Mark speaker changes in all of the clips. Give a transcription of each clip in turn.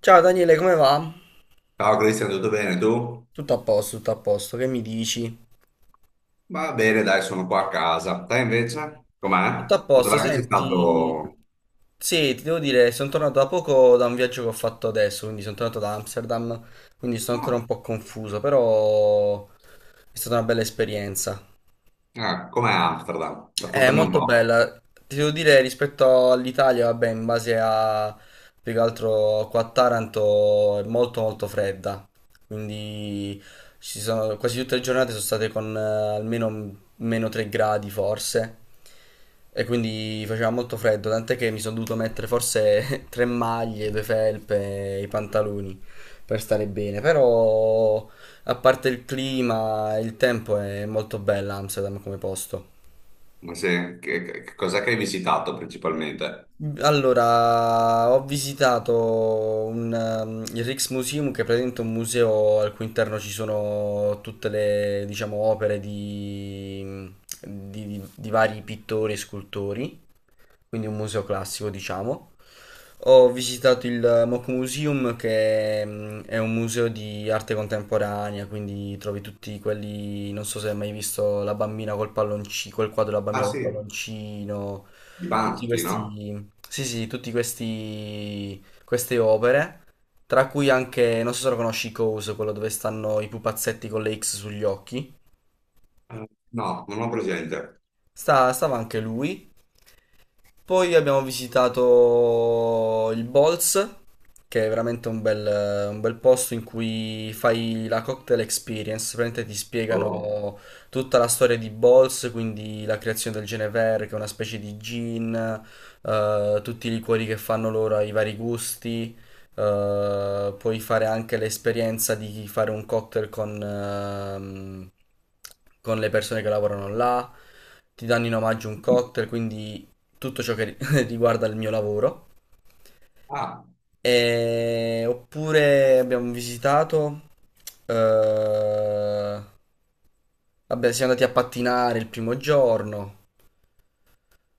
Speaker 1: Ciao Daniele, come va?
Speaker 2: Ciao Cristian, tutto bene tu?
Speaker 1: Tutto a posto, che mi dici?
Speaker 2: Va bene, dai, sono qua a casa. Te invece? Com'è?
Speaker 1: Tutto a posto,
Speaker 2: Dov'è che sei
Speaker 1: senti,
Speaker 2: stato?
Speaker 1: sì, ti devo dire, sono tornato da poco da un viaggio che ho fatto adesso, quindi sono tornato da Amsterdam, quindi sono ancora un
Speaker 2: Oh,
Speaker 1: po' confuso, però è stata una bella esperienza.
Speaker 2: ah, com'è Amsterdam?
Speaker 1: È
Speaker 2: Raccontami un
Speaker 1: molto
Speaker 2: po'.
Speaker 1: bella. Ti devo dire rispetto all'Italia, vabbè, in base a più che altro qua a Taranto è molto molto fredda. Quindi ci sono, quasi tutte le giornate sono state con almeno meno 3 gradi forse. E quindi faceva molto freddo, tant'è che mi sono dovuto mettere forse tre maglie, due felpe, i pantaloni per stare bene. Però a parte il clima, il tempo è molto bella Amsterdam come posto.
Speaker 2: Ma se, che, che cos'è che hai visitato principalmente?
Speaker 1: Allora, ho visitato un, il Rijksmuseum, che è praticamente un museo al cui interno ci sono tutte le, diciamo, opere di, di vari pittori e scultori, quindi un museo classico, diciamo. Ho visitato il Mock Museum, che è un museo di arte contemporanea, quindi trovi tutti quelli, non so se hai mai visto la bambina col palloncino, quel quadro della
Speaker 2: Ah
Speaker 1: bambina col
Speaker 2: sì,
Speaker 1: palloncino,
Speaker 2: di
Speaker 1: tutti
Speaker 2: Banksy, no?
Speaker 1: questi, sì, sì, tutti questi, queste opere, tra cui anche, non so se lo conosci, Cose, quello dove stanno i pupazzetti con le X sugli occhi.
Speaker 2: No, non ho presente.
Speaker 1: Stava anche lui. Poi abbiamo visitato il Bolz, che è veramente un bel posto in cui fai la cocktail experience, praticamente ti
Speaker 2: Oh.
Speaker 1: spiegano tutta la storia di Bolz, quindi la creazione del Genever, che è una specie di gin, tutti i liquori che fanno loro, i vari gusti. Puoi fare anche l'esperienza di fare un cocktail con le persone che lavorano là, ti danno in omaggio un cocktail, quindi tutto ciò che ri- riguarda il mio lavoro.
Speaker 2: Ah,
Speaker 1: E... Oppure abbiamo visitato... eh, vabbè, siamo andati a pattinare il primo giorno.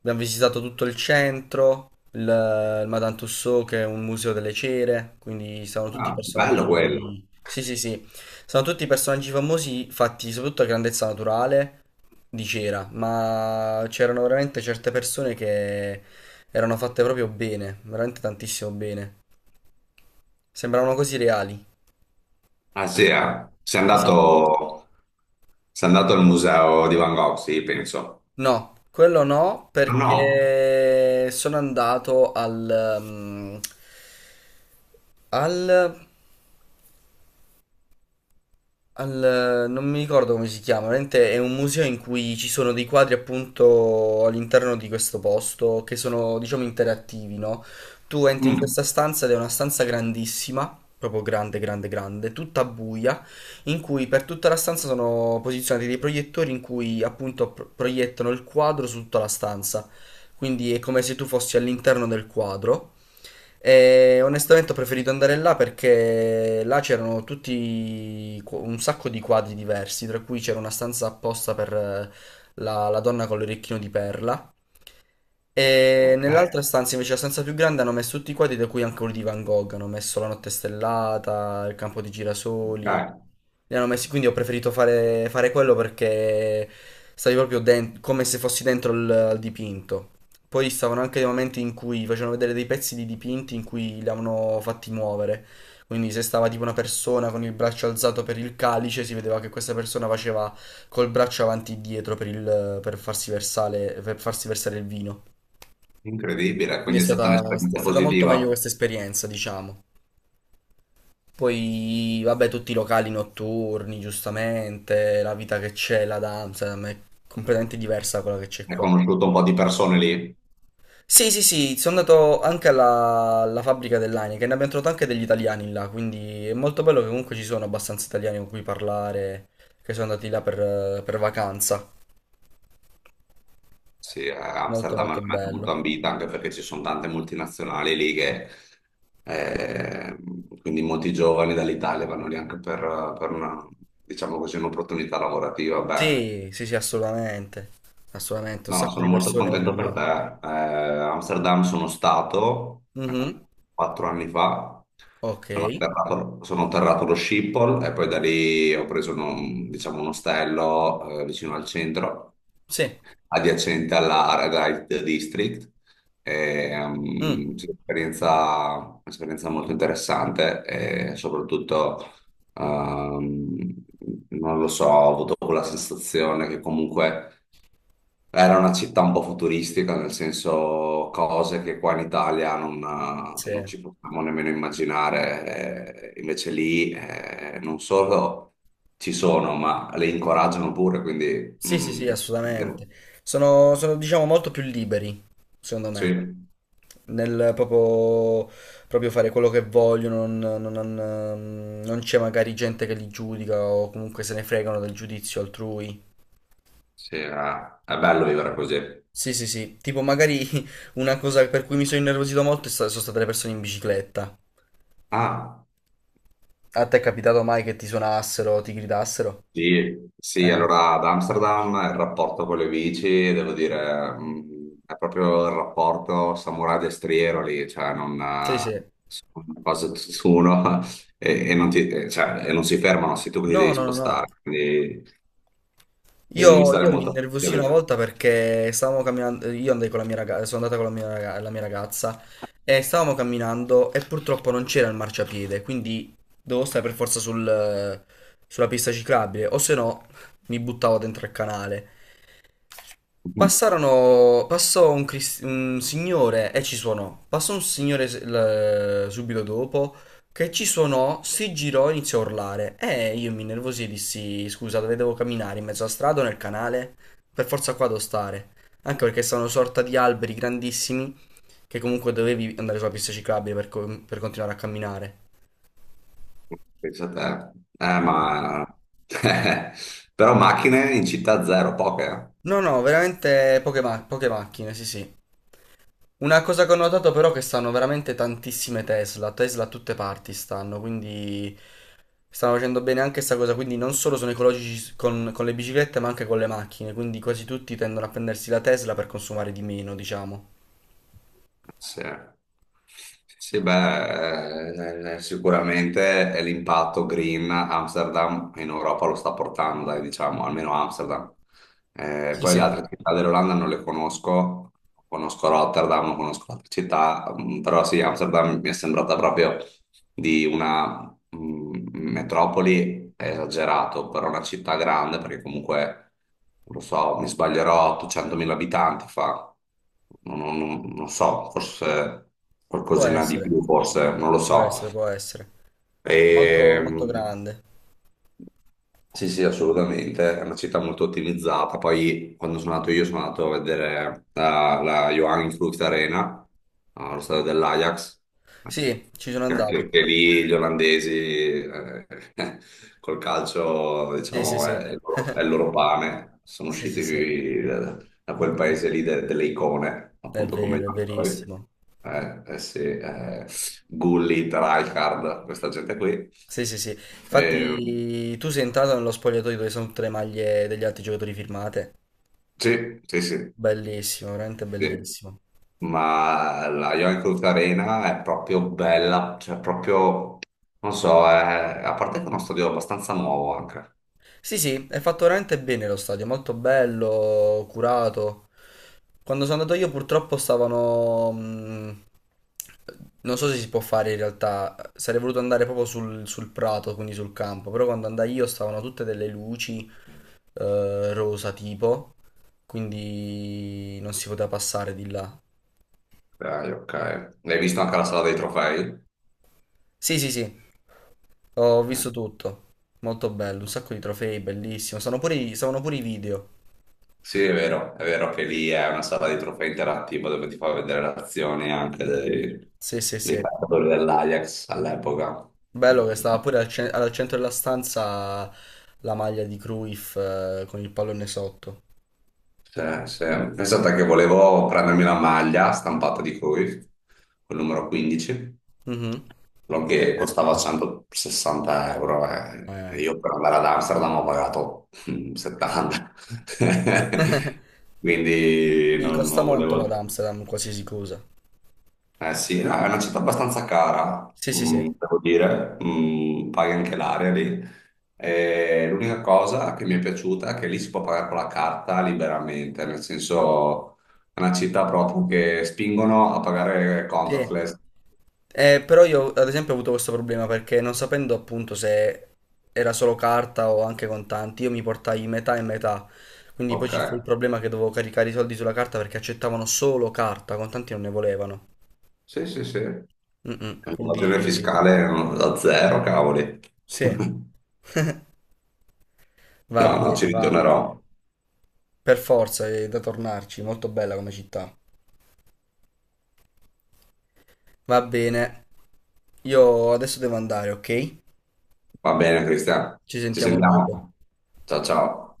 Speaker 1: Abbiamo visitato tutto il centro, il Madame Tussauds, che è un museo delle cere, quindi sono tutti
Speaker 2: ah, bello quello.
Speaker 1: personaggi... Sì, sì, sì, sono tutti personaggi famosi fatti soprattutto a grandezza naturale di cera, ma c'erano veramente certe persone che erano fatte proprio bene, veramente tantissimo bene. Sembravano così reali.
Speaker 2: Ah sì, eh.
Speaker 1: Sì, sì.
Speaker 2: Sei andato al museo di Van Gogh, sì, penso.
Speaker 1: No, quello no,
Speaker 2: No, no.
Speaker 1: perché sono andato al... mm, al non mi ricordo come si chiama, veramente è un museo in cui ci sono dei quadri appunto all'interno di questo posto che sono, diciamo, interattivi, no? Tu entri in
Speaker 2: Mm,
Speaker 1: questa stanza ed è una stanza grandissima, proprio grande, grande, grande, tutta buia, in cui per tutta la stanza sono posizionati dei proiettori in cui appunto proiettano il quadro su tutta la stanza. Quindi è come se tu fossi all'interno del quadro. E onestamente ho preferito andare là perché là c'erano tutti i un sacco di quadri diversi, tra cui c'era una stanza apposta per la, la donna con l'orecchino di perla e
Speaker 2: ok,
Speaker 1: nell'altra stanza invece, la stanza più grande, hanno messo tutti i quadri, da cui anche quello di Van Gogh. Hanno messo La notte stellata, Il campo di girasoli.
Speaker 2: ok.
Speaker 1: Li hanno messi, quindi ho preferito fare, fare quello perché stavi proprio come se fossi dentro il, al dipinto. Poi stavano anche dei momenti in cui facevano vedere dei pezzi di dipinti in cui li avevano fatti muovere. Quindi se stava tipo una persona con il braccio alzato per il calice, si vedeva che questa persona faceva col braccio avanti e dietro per, per farsi versare il vino.
Speaker 2: Incredibile,
Speaker 1: Quindi
Speaker 2: quindi è stata
Speaker 1: è
Speaker 2: un'esperienza
Speaker 1: stata molto meglio
Speaker 2: positiva.
Speaker 1: questa esperienza, diciamo. Poi, vabbè, tutti i locali notturni, giustamente, la vita che c'è là ad Amsterdam è completamente diversa da quella che c'è
Speaker 2: Hai
Speaker 1: qua.
Speaker 2: conosciuto un po' di persone lì?
Speaker 1: Sì, sì, sì, sono andato anche alla, alla fabbrica dell'Heineken, ne abbiamo trovato anche degli italiani là, quindi è molto bello che comunque ci sono abbastanza italiani con cui parlare, che sono andati là per vacanza.
Speaker 2: Sì,
Speaker 1: Molto,
Speaker 2: Amsterdam è una
Speaker 1: molto
Speaker 2: meta molto
Speaker 1: bello.
Speaker 2: ambita anche perché ci sono tante multinazionali lì che eh, quindi molti giovani dall'Italia vanno lì anche per una, diciamo così, un'opportunità lavorativa. Beh,
Speaker 1: Sì, sì, sì, assolutamente. Assolutamente, un
Speaker 2: no,
Speaker 1: sacco
Speaker 2: sono
Speaker 1: di
Speaker 2: molto
Speaker 1: persone
Speaker 2: contento per
Speaker 1: vanno
Speaker 2: te. Amsterdam sono stato
Speaker 1: là. Mhm.
Speaker 2: quattro anni fa,
Speaker 1: Ok.
Speaker 2: sono atterrato allo Schiphol e poi da lì ho preso un, diciamo, un ostello vicino al centro,
Speaker 1: Sì.
Speaker 2: adiacente alla Red District. E,
Speaker 1: Mm.
Speaker 2: sì, un'esperienza un'esperienza molto interessante e soprattutto... ehm, non lo so, ho avuto quella sensazione che comunque era una città un po' futuristica, nel senso cose che qua in Italia non, non
Speaker 1: Sì.
Speaker 2: ci possiamo nemmeno immaginare, invece lì non solo ci sono, ma le incoraggiano pure, quindi
Speaker 1: Sì, sì, sì,
Speaker 2: devo-
Speaker 1: assolutamente. Sono, sono, diciamo, molto più liberi, secondo
Speaker 2: sì,
Speaker 1: me, nel proprio, proprio fare quello che vogliono, non, non c'è magari gente che li giudica o comunque se ne fregano del giudizio altrui.
Speaker 2: sì, è bello vivere così.
Speaker 1: Sì, sì, sì, tipo magari una cosa per cui mi sono innervosito molto è sono state le persone in bicicletta.
Speaker 2: Ah.
Speaker 1: A te è capitato mai che ti suonassero o ti gridassero?
Speaker 2: Sì, sì,
Speaker 1: Eh,
Speaker 2: allora ad Amsterdam il rapporto con le bici, devo dire, è proprio il rapporto samurai destriero lì, cioè non
Speaker 1: sì, sì.
Speaker 2: sono quasi tutt'uno e non ti- cioè, e non si fermano, sei tu che ti
Speaker 1: No,
Speaker 2: devi
Speaker 1: no, no, no.
Speaker 2: spostare, quindi, quindi devi
Speaker 1: Io,
Speaker 2: stare
Speaker 1: io mi
Speaker 2: molto
Speaker 1: innervosii
Speaker 2: attento
Speaker 1: una
Speaker 2: lì.
Speaker 1: volta perché stavamo camminando, io andai con la mia ragazza, sono andata con la mia, la mia ragazza e stavamo camminando e purtroppo non c'era il marciapiede, quindi dovevo stare per forza sulla pista ciclabile, o se no mi buttavo dentro il canale. Passarono, passò un, un signore e ci suonò. Passò un signore subito dopo che ci suonò, si girò e iniziò a urlare. E io mi innervosì e dissi: Scusa, dove devo camminare? In mezzo alla strada o nel canale? Per forza qua devo stare. Anche perché sono una sorta di alberi grandissimi che comunque dovevi andare sulla pista ciclabile per, per continuare a camminare.
Speaker 2: Pensa a te. Ma... Però macchine in città zero, poche. Eh.
Speaker 1: No, no, veramente poche, poche macchine, sì, sì. Una cosa che ho notato però è che stanno veramente tantissime Tesla, Tesla a tutte parti stanno, quindi stanno facendo bene anche questa cosa, quindi non solo sono ecologici con le biciclette ma anche con le macchine, quindi quasi tutti tendono a prendersi la Tesla per consumare di meno, diciamo.
Speaker 2: Sì. Sì, sì, beh, sicuramente è l'impatto green Amsterdam in Europa lo sta portando, dai, diciamo, almeno Amsterdam.
Speaker 1: Sì,
Speaker 2: Poi le
Speaker 1: sì.
Speaker 2: altre città dell'Olanda non le conosco, conosco Rotterdam, non conosco altre città, mm, però sì, Amsterdam mi è sembrata proprio di una mm, metropoli è esagerato, però una città grande, perché comunque, non lo so, mi sbaglierò, 800.000 abitanti fa, non, non so, forse
Speaker 1: Può
Speaker 2: qualcosina di
Speaker 1: essere,
Speaker 2: più, forse, non lo
Speaker 1: può
Speaker 2: so.
Speaker 1: essere, può essere.
Speaker 2: E,
Speaker 1: Molto, molto grande.
Speaker 2: sì, sì, assolutamente, è una città molto ottimizzata. Poi quando sono andato io sono andato a vedere la, la Johan Cruyff Arena, allo stadio dell'Ajax,
Speaker 1: Sì, ci sono
Speaker 2: che
Speaker 1: andato.
Speaker 2: anche che lì gli olandesi eh, col calcio,
Speaker 1: Sì, sì,
Speaker 2: diciamo,
Speaker 1: sì.
Speaker 2: è il loro pane. Sono
Speaker 1: Sì, sì,
Speaker 2: usciti
Speaker 1: sì.
Speaker 2: qui da, da quel
Speaker 1: È,
Speaker 2: paese lì delle icone,
Speaker 1: è
Speaker 2: appunto come
Speaker 1: vero, è
Speaker 2: Johan Cruyff.
Speaker 1: verissimo.
Speaker 2: Eh sì, Gullit, Rijkaard, questa gente qui.
Speaker 1: Sì, sì, sì.
Speaker 2: Ehm,
Speaker 1: Infatti, tu sei entrato nello spogliatoio dove sono tutte le maglie degli altri giocatori firmate.
Speaker 2: Sì,
Speaker 1: Bellissimo, veramente
Speaker 2: sì.
Speaker 1: bellissimo.
Speaker 2: Ma la Yoinkoof Arena è proprio bella, cioè proprio, non so, a parte che è uno stadio abbastanza nuovo anche.
Speaker 1: Sì, sì, è fatto veramente bene lo stadio, molto bello, curato. Quando sono andato io, purtroppo stavano. Non so se si può fare in realtà. Sarei voluto andare proprio sul, sul prato, quindi sul campo. Però quando andai io, stavano tutte delle luci rosa tipo. Quindi non si poteva passare di là.
Speaker 2: Dai, ok. Hai visto anche la sala dei trofei?
Speaker 1: Sì, sì, sì. Ho
Speaker 2: Eh.
Speaker 1: visto tutto. Molto bello, un sacco di trofei, bellissimo. Sono pure i, stavano pure i video.
Speaker 2: Sì, è vero che lì è una sala dei trofei interattiva dove ti fa vedere le azioni anche dei,
Speaker 1: Sì, sì,
Speaker 2: dei
Speaker 1: sì.
Speaker 2: calciatori dell'Ajax all'epoca.
Speaker 1: Bello che stava pure al, al centro della stanza la maglia di Cruyff con il pallone sotto.
Speaker 2: Sì, sì. Pensate che volevo prendermi la maglia stampata di Cruyff, col numero 15,
Speaker 1: Mhm.
Speaker 2: quello che costava 160 euro eh.
Speaker 1: Eh.
Speaker 2: E io per andare ad Amsterdam ho pagato 70. Quindi
Speaker 1: Gli
Speaker 2: non,
Speaker 1: costa
Speaker 2: non
Speaker 1: molto la
Speaker 2: volevo
Speaker 1: ad Amsterdam, qualsiasi cosa.
Speaker 2: eh sì, no, è una città abbastanza cara,
Speaker 1: Sì, sì,
Speaker 2: mm,
Speaker 1: sì.
Speaker 2: devo dire, mm, paghi anche l'aria lì. E l'unica cosa che mi è piaciuta è che lì si può pagare con la carta liberamente, nel senso è una città proprio che spingono a pagare
Speaker 1: Sì.
Speaker 2: contactless.
Speaker 1: Però io ad esempio ho avuto questo problema perché non sapendo appunto se era solo carta o anche contanti, io mi portai metà e metà. Quindi poi
Speaker 2: Ok,
Speaker 1: ci fu il problema che dovevo caricare i soldi sulla carta perché accettavano solo carta, contanti non ne volevano.
Speaker 2: sì, sì, sì.
Speaker 1: Mm-mm. Quindi
Speaker 2: L'invasione fiscale mm, da zero, cavoli.
Speaker 1: sì, va
Speaker 2: No, no, ci
Speaker 1: bene, va.
Speaker 2: ritornerò.
Speaker 1: Per forza, è da tornarci, molto bella come città. Va bene. Io adesso devo andare, ok?
Speaker 2: Va bene, Cristian,
Speaker 1: Ci
Speaker 2: ci
Speaker 1: sentiamo dopo.
Speaker 2: sentiamo. Ciao, ciao.